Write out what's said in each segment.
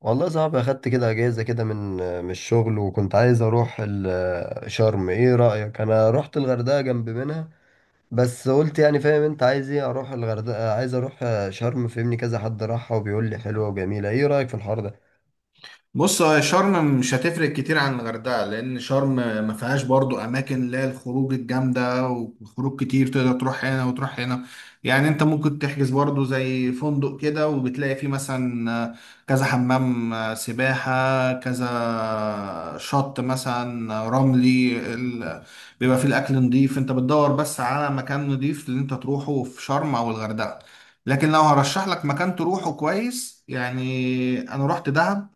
والله صعب، اخدت كده اجازه كده من الشغل، وكنت عايز اروح شرم. ايه رايك؟ انا رحت الغردقه جنب منها، بس قلت يعني فاهم انت عايز ايه؟ اروح الغردقه عايز اروح شرم. فهمني، كذا حد راحها وبيقول لي حلوه وجميله. ايه رايك في الحوار ده؟ بص، هو شرم مش هتفرق كتير عن الغردقة، لأن شرم ما فيهاش برضو أماكن اللي هي الخروج الجامدة وخروج كتير تقدر تروح هنا وتروح هنا. يعني أنت ممكن تحجز برضو زي فندق كده، وبتلاقي فيه مثلا كذا حمام، سباحة، كذا شط مثلا، رملي بيبقى فيه الأكل نضيف. أنت بتدور بس على مكان نضيف اللي أنت تروحه في شرم أو الغردقة. لكن لو هرشح لك مكان تروحه كويس، يعني أنا رحت دهب،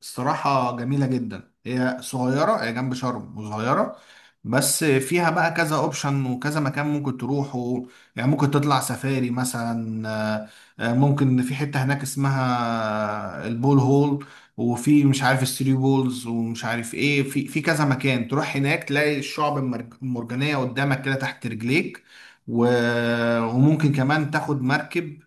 الصراحة جميلة جدا. هي صغيرة، هي جنب شرم وصغيرة، بس فيها بقى كذا اوبشن وكذا مكان ممكن تروحه. يعني ممكن تطلع سفاري مثلا، ممكن في حتة هناك اسمها البول هول، وفي مش عارف الثري بولز ومش عارف ايه. في كذا مكان تروح هناك تلاقي الشعب المرجانية قدامك كده تحت رجليك. و- وممكن كمان تاخد مركب،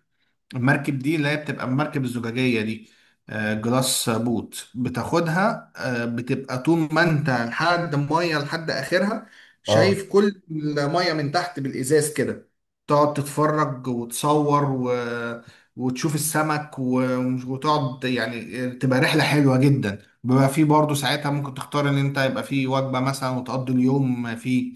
المركب دي اللي هي بتبقى المركب الزجاجية دي، جلاس بوت، بتاخدها، بتبقى طول ما انت لحد مية لحد اخرها اه. شايف كل المية من تحت بالازاز كده. تقعد تتفرج وتصور وتشوف السمك وتقعد، يعني تبقى رحلة حلوة جدا. بيبقى فيه برضه ساعتها ممكن تختار ان انت يبقى فيه وجبة مثلا وتقضي اليوم فيه.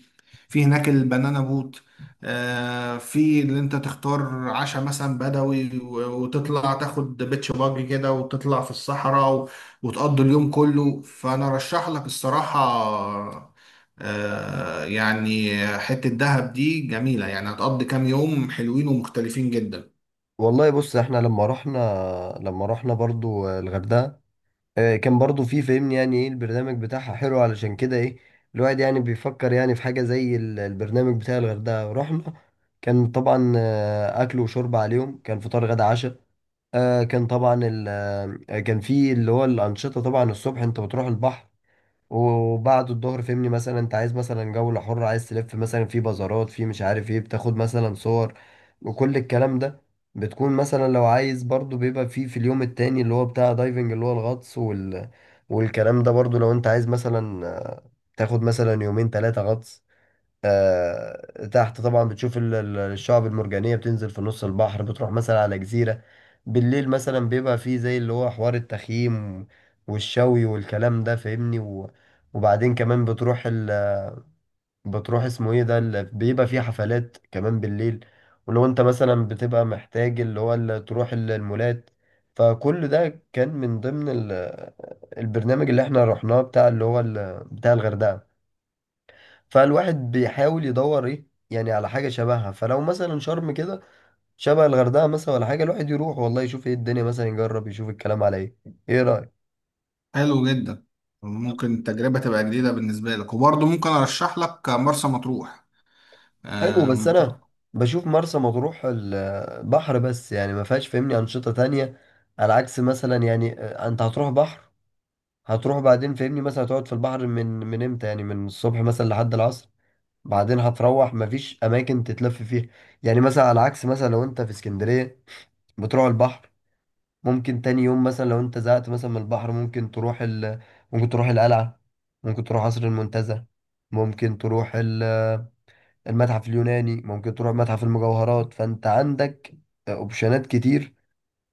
في هناك البنانا بوت، في اللي انت تختار عشاء مثلا بدوي، وتطلع تاخد بيتش باجي كده وتطلع في الصحراء وتقضي اليوم كله. فانا رشح لك الصراحة، يعني حتة دهب دي جميلة، يعني هتقضي كام يوم حلوين ومختلفين جدا. والله بص، احنا لما رحنا برضو الغردقه، كان برضو في، فهمني، يعني ايه البرنامج بتاعها حلو. علشان كده ايه الواحد يعني بيفكر يعني في حاجة زي البرنامج بتاع الغردقة. رحنا كان طبعا اكل وشرب عليهم، كان فطار غدا عشاء. آه، كان طبعا ال- كان في اللي هو الأنشطة. طبعا الصبح انت بتروح البحر، وبعد الظهر فهمني مثلا انت عايز مثلا جولة حرة، عايز تلف مثلا في بازارات، في مش عارف ايه، بتاخد مثلا صور، وكل الكلام ده. بتكون مثلا لو عايز برضو، بيبقى في اليوم التاني اللي هو بتاع دايفنج، اللي هو الغطس والكلام ده. برضو لو انت عايز مثلا تاخد مثلا يومين ثلاثة غطس، تحت طبعا بتشوف الشعب المرجانية، بتنزل في نص البحر، بتروح مثلا على جزيرة. بالليل مثلا بيبقى فيه زي اللي هو حوار التخييم والشوي والكلام ده، فاهمني، وبعدين كمان بتروح اسمه ايه ده بيبقى فيه حفلات كمان بالليل. ولو انت مثلا بتبقى محتاج اللي هو تروح المولات. فكل ده كان من ضمن ال... البرنامج اللي احنا رحناه، بتاع اللي هو بتاع الغردقة. فالواحد بيحاول يدور ايه يعني، على حاجة شبهها. فلو مثلا شرم كده شبه الغردقة مثلا، ولا حاجة، الواحد يروح والله يشوف ايه الدنيا، مثلا يجرب، يشوف الكلام على ايه. ايه رأيك؟ حلو جدا، ممكن التجربة تبقى جديدة بالنسبة لك، وبرضه ممكن ارشح لك مرسى مطروح. حلو، بس آه، انا بشوف مرسى مطروح البحر بس، يعني ما فيهاش فهمني أنشطة تانية. على عكس مثلا يعني، انت هتروح بحر، هتروح بعدين فهمني مثلا هتقعد في البحر، من امتى يعني، من الصبح مثلا لحد العصر. بعدين هتروح، مفيش اماكن تتلف فيها. يعني مثلا على عكس مثلا لو انت في اسكندرية، بتروح البحر، ممكن تاني يوم مثلا لو انت زهقت مثلا من البحر، ممكن تروح القلعة، ممكن تروح قصر المنتزه، ممكن تروح المتحف اليوناني، ممكن تروح متحف المجوهرات. فانت عندك اوبشنات كتير،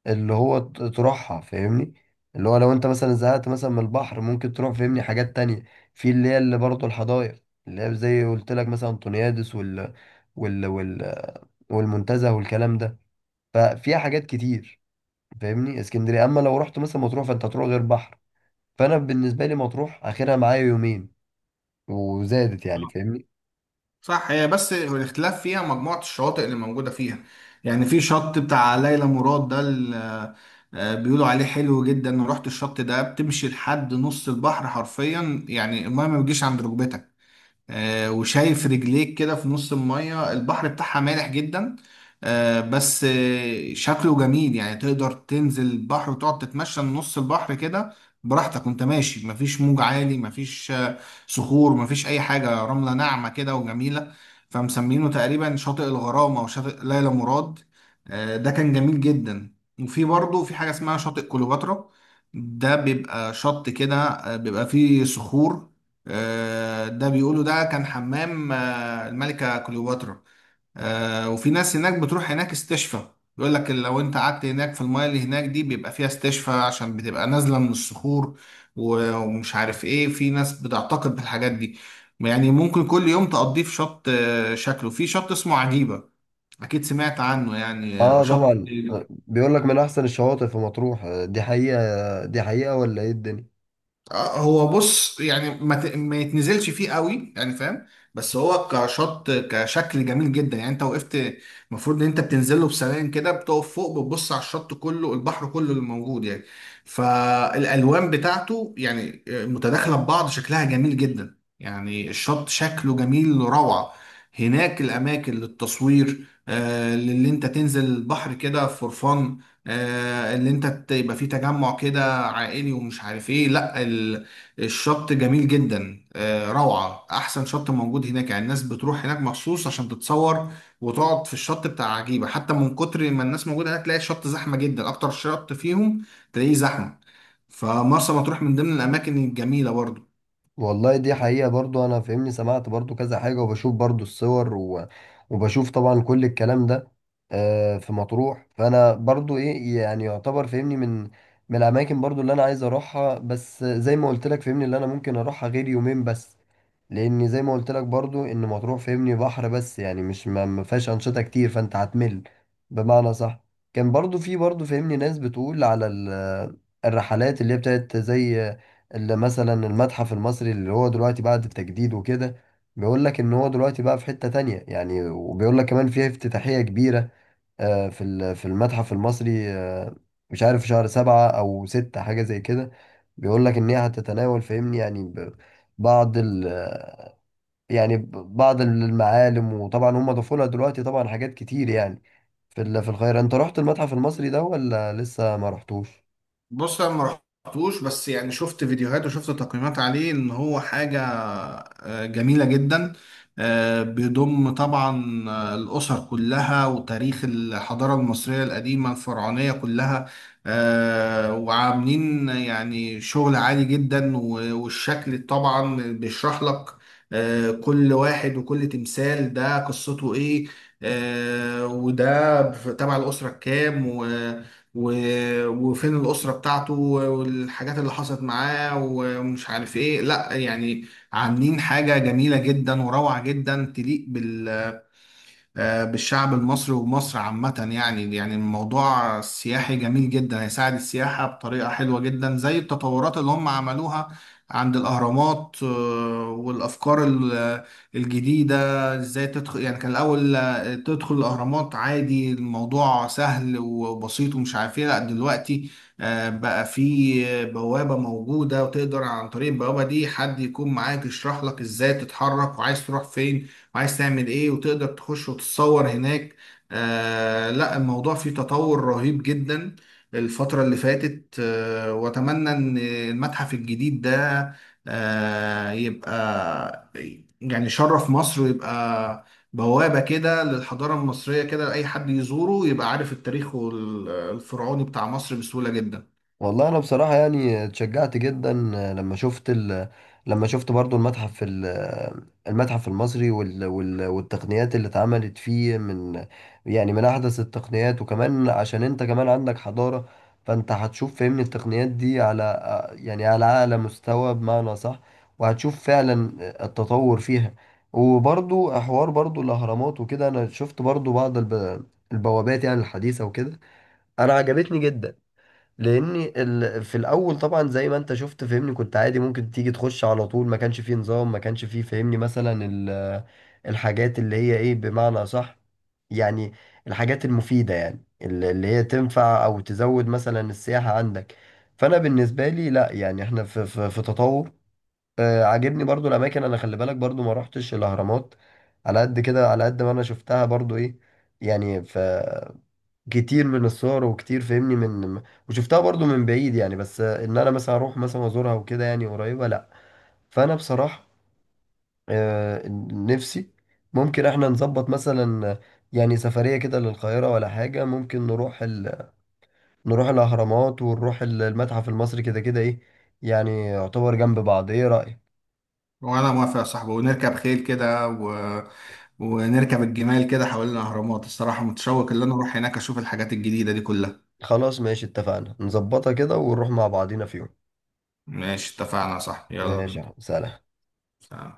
اللي هو تروحها فاهمني. اللي هو لو انت مثلا زهقت مثلا من البحر، ممكن تروح فاهمني حاجات تانية، في اللي هي اللي برضه الحدائق، اللي هي زي قلت لك مثلا انطونيادس وال... وال... والمنتزه والكلام ده. ففيها حاجات كتير، فاهمني، اسكندريه. اما لو رحت مثلا مطروح، فانت هتروح غير بحر. فانا بالنسبه لي مطروح اخرها معايا يومين، وزادت يعني، فاهمني. صح، هي بس الاختلاف فيها مجموعة الشواطئ اللي موجودة فيها. يعني في شط بتاع ليلى مراد ده، بيقولوا عليه حلو جدا. رحت الشط ده، بتمشي لحد نص البحر حرفيا، يعني المايه ما بتجيش عند ركبتك. آه، وشايف رجليك كده في نص المية. البحر بتاعها مالح جدا، آه، بس آه، شكله جميل. يعني تقدر تنزل البحر وتقعد تتمشى نص البحر كده براحتك، وانت ماشي مفيش موج عالي، مفيش صخور، مفيش اي حاجة، رملة ناعمة كده وجميلة. فمسمينه تقريبا شاطئ الغرام او شاطئ ليلى مراد. آه، ده كان جميل جدا. وفي برضه في حاجة اسمها شاطئ كليوباترا. ده بيبقى شط كده، آه، بيبقى فيه صخور. آه، ده بيقولوا ده كان حمام، آه، الملكة كليوباترا. آه، وفي ناس هناك بتروح هناك استشفى. يقول لك لو انت قعدت هناك في المايه اللي هناك دي بيبقى فيها استشفى، عشان بتبقى نازلة من الصخور ومش عارف ايه. في ناس بتعتقد بالحاجات دي. يعني ممكن كل يوم تقضيه في شط. آه، شكله في شط اسمه عجيبة، اكيد سمعت عنه. يعني آه، اه شط. طبعا. بيقول لك من احسن الشواطئ في مطروح، دي حقيقه؟ دي حقيقه ولا ايه الدنيا؟ اه، هو بص، يعني ما يتنزلش فيه قوي، يعني فاهم. بس هو كشط، كشكل جميل جدا. يعني انت وقفت، المفروض ان انت بتنزل له بسلام كده، بتقف فوق بتبص على الشط كله، البحر كله اللي موجود يعني. فالالوان بتاعته يعني آه، متداخله ببعض، شكلها جميل جدا. يعني الشط شكله جميل روعه. هناك الاماكن للتصوير، آه، اللي انت تنزل البحر كده فور فن. آه، اللي انت يبقى فيه تجمع كده عائلي ومش عارف ايه. لا الشط جميل جدا، آه، روعة، احسن شط موجود هناك. يعني الناس بتروح هناك مخصوص عشان تتصور وتقعد في الشط بتاع عجيبة. حتى من كتر ما الناس موجودة هناك، تلاقي الشط زحمة جدا، اكتر شط فيهم تلاقيه زحمة. فمرسى مطروح من ضمن الاماكن الجميلة برضه. والله دي حقيقة، برضو أنا فاهمني سمعت برضو كذا حاجة، وبشوف برضو الصور وبشوف طبعا كل الكلام ده، في مطروح. فأنا برضو إيه، يعني يعتبر فاهمني من الأماكن برضو اللي أنا عايز أروحها، بس زي ما قلت لك فاهمني، اللي أنا ممكن أروحها غير يومين بس، لأن زي ما قلت لك برضو، إن مطروح فاهمني بحر بس، يعني مش ما فيهاش أنشطة كتير، فأنت هتمل، بمعنى صح. كان برضو في برضو فاهمني ناس بتقول على الرحلات اللي هي بتاعت زي اللي مثلا المتحف المصري، اللي هو دلوقتي بعد التجديد وكده. بيقول لك ان هو دلوقتي بقى في حتة تانية يعني، وبيقول لك كمان فيها افتتاحية كبيرة، في في المتحف المصري. مش عارف في شهر سبعة او ستة، حاجة زي كده. بيقول لك ان هي هتتناول فاهمني، يعني بعض ال آه، يعني بعض المعالم. وطبعا هم ضافوا لها دلوقتي طبعا حاجات كتير، يعني في في الخير. انت رحت المتحف المصري ده ولا لسه ما رحتوش؟ بص، انا ما رحتوش، بس يعني شفت فيديوهات وشفت تقييمات عليه ان هو حاجه آه، جميله جدا. آه، بيضم طبعا آه، الاسر كلها وتاريخ الحضاره المصريه القديمه الفرعونيه كلها. آه، وعاملين يعني شغل عالي جدا. و- والشكل طبعا بيشرح لك، آه، كل واحد وكل تمثال ده قصته ايه، آه، وده تبع الاسره كام، وفين الأسرة بتاعته والحاجات اللي حصلت معاه ومش عارف ايه. لا يعني، عاملين حاجة جميلة جدا وروعة جدا تليق بال آه، بالشعب المصري ومصر عامة. يعني يعني الموضوع السياحي جميل جدا، هيساعد السياحة بطريقة حلوة جدا، زي التطورات اللي هم عملوها عند الأهرامات. آه، والأفكار الجديدة، ازاي تدخل. يعني كان الأول، آه، تدخل الأهرامات عادي، الموضوع سهل وبسيط ومش عارف ايه. لا دلوقتي آه، بقى في بوابة موجودة، وتقدر عن طريق البوابة دي حد يكون معاك يشرح لك ازاي تتحرك وعايز تروح فين وعايز تعمل ايه، وتقدر تخش وتتصور هناك. آه، لا الموضوع فيه تطور رهيب جدا الفترة اللي فاتت. آه، واتمنى ان المتحف الجديد ده آه، يبقى يعني شرف مصر، ويبقى بوابة كده للحضارة المصرية كده، لأي حد يزوره يبقى عارف التاريخ وال- الفرعوني بتاع مصر بسهولة جدا. والله انا بصراحه يعني اتشجعت جدا لما لما شفت برضو المتحف المصري والتقنيات اللي اتعملت فيه، من يعني من احدث التقنيات. وكمان عشان انت كمان عندك حضاره، فانت هتشوف فهمني التقنيات دي على، يعني على اعلى مستوى، بمعنى صح. وهتشوف فعلا التطور فيها. وبرضو حوار برضو الاهرامات وكده، انا شفت برضو بعض البوابات يعني الحديثه وكده، انا عجبتني جدا. لاني في الاول طبعا زي ما انت شفت فهمني كنت عادي ممكن تيجي تخش على طول، ما كانش فيه نظام، ما كانش فيه فهمني مثلا الحاجات اللي هي ايه، بمعنى صح، يعني الحاجات المفيدة، يعني اللي هي تنفع او تزود مثلا السياحة عندك. فانا بالنسبة لي لا، يعني احنا في في تطور. آه عاجبني برضو الاماكن. انا خلي بالك برضو ما روحتش الاهرامات، على قد كده، على قد ما انا شفتها برضو ايه، يعني في كتير من الصور، وكتير فاهمني من، وشفتها برضو من بعيد يعني، بس ان انا مثلا اروح مثلا ازورها وكده يعني قريبة، لا. فانا بصراحة آه، نفسي ممكن احنا نظبط مثلا يعني سفرية كده للقاهرة ولا حاجة. ممكن نروح الاهرامات، ونروح المتحف المصري، كده كده ايه يعني يعتبر جنب بعض. ايه رأيك؟ وانا موافق يا صاحبي، ونركب خيل كده ونركب الجمال كده حوالين الاهرامات. الصراحه متشوق ان انا اروح هناك اشوف الحاجات الجديده دي كلها. خلاص ماشي، اتفقنا، نظبطها كده ونروح مع بعضينا في يوم. ماشي، اتفقنا يا صاحبي، ماشي يلا يا عم، سلام. بينا.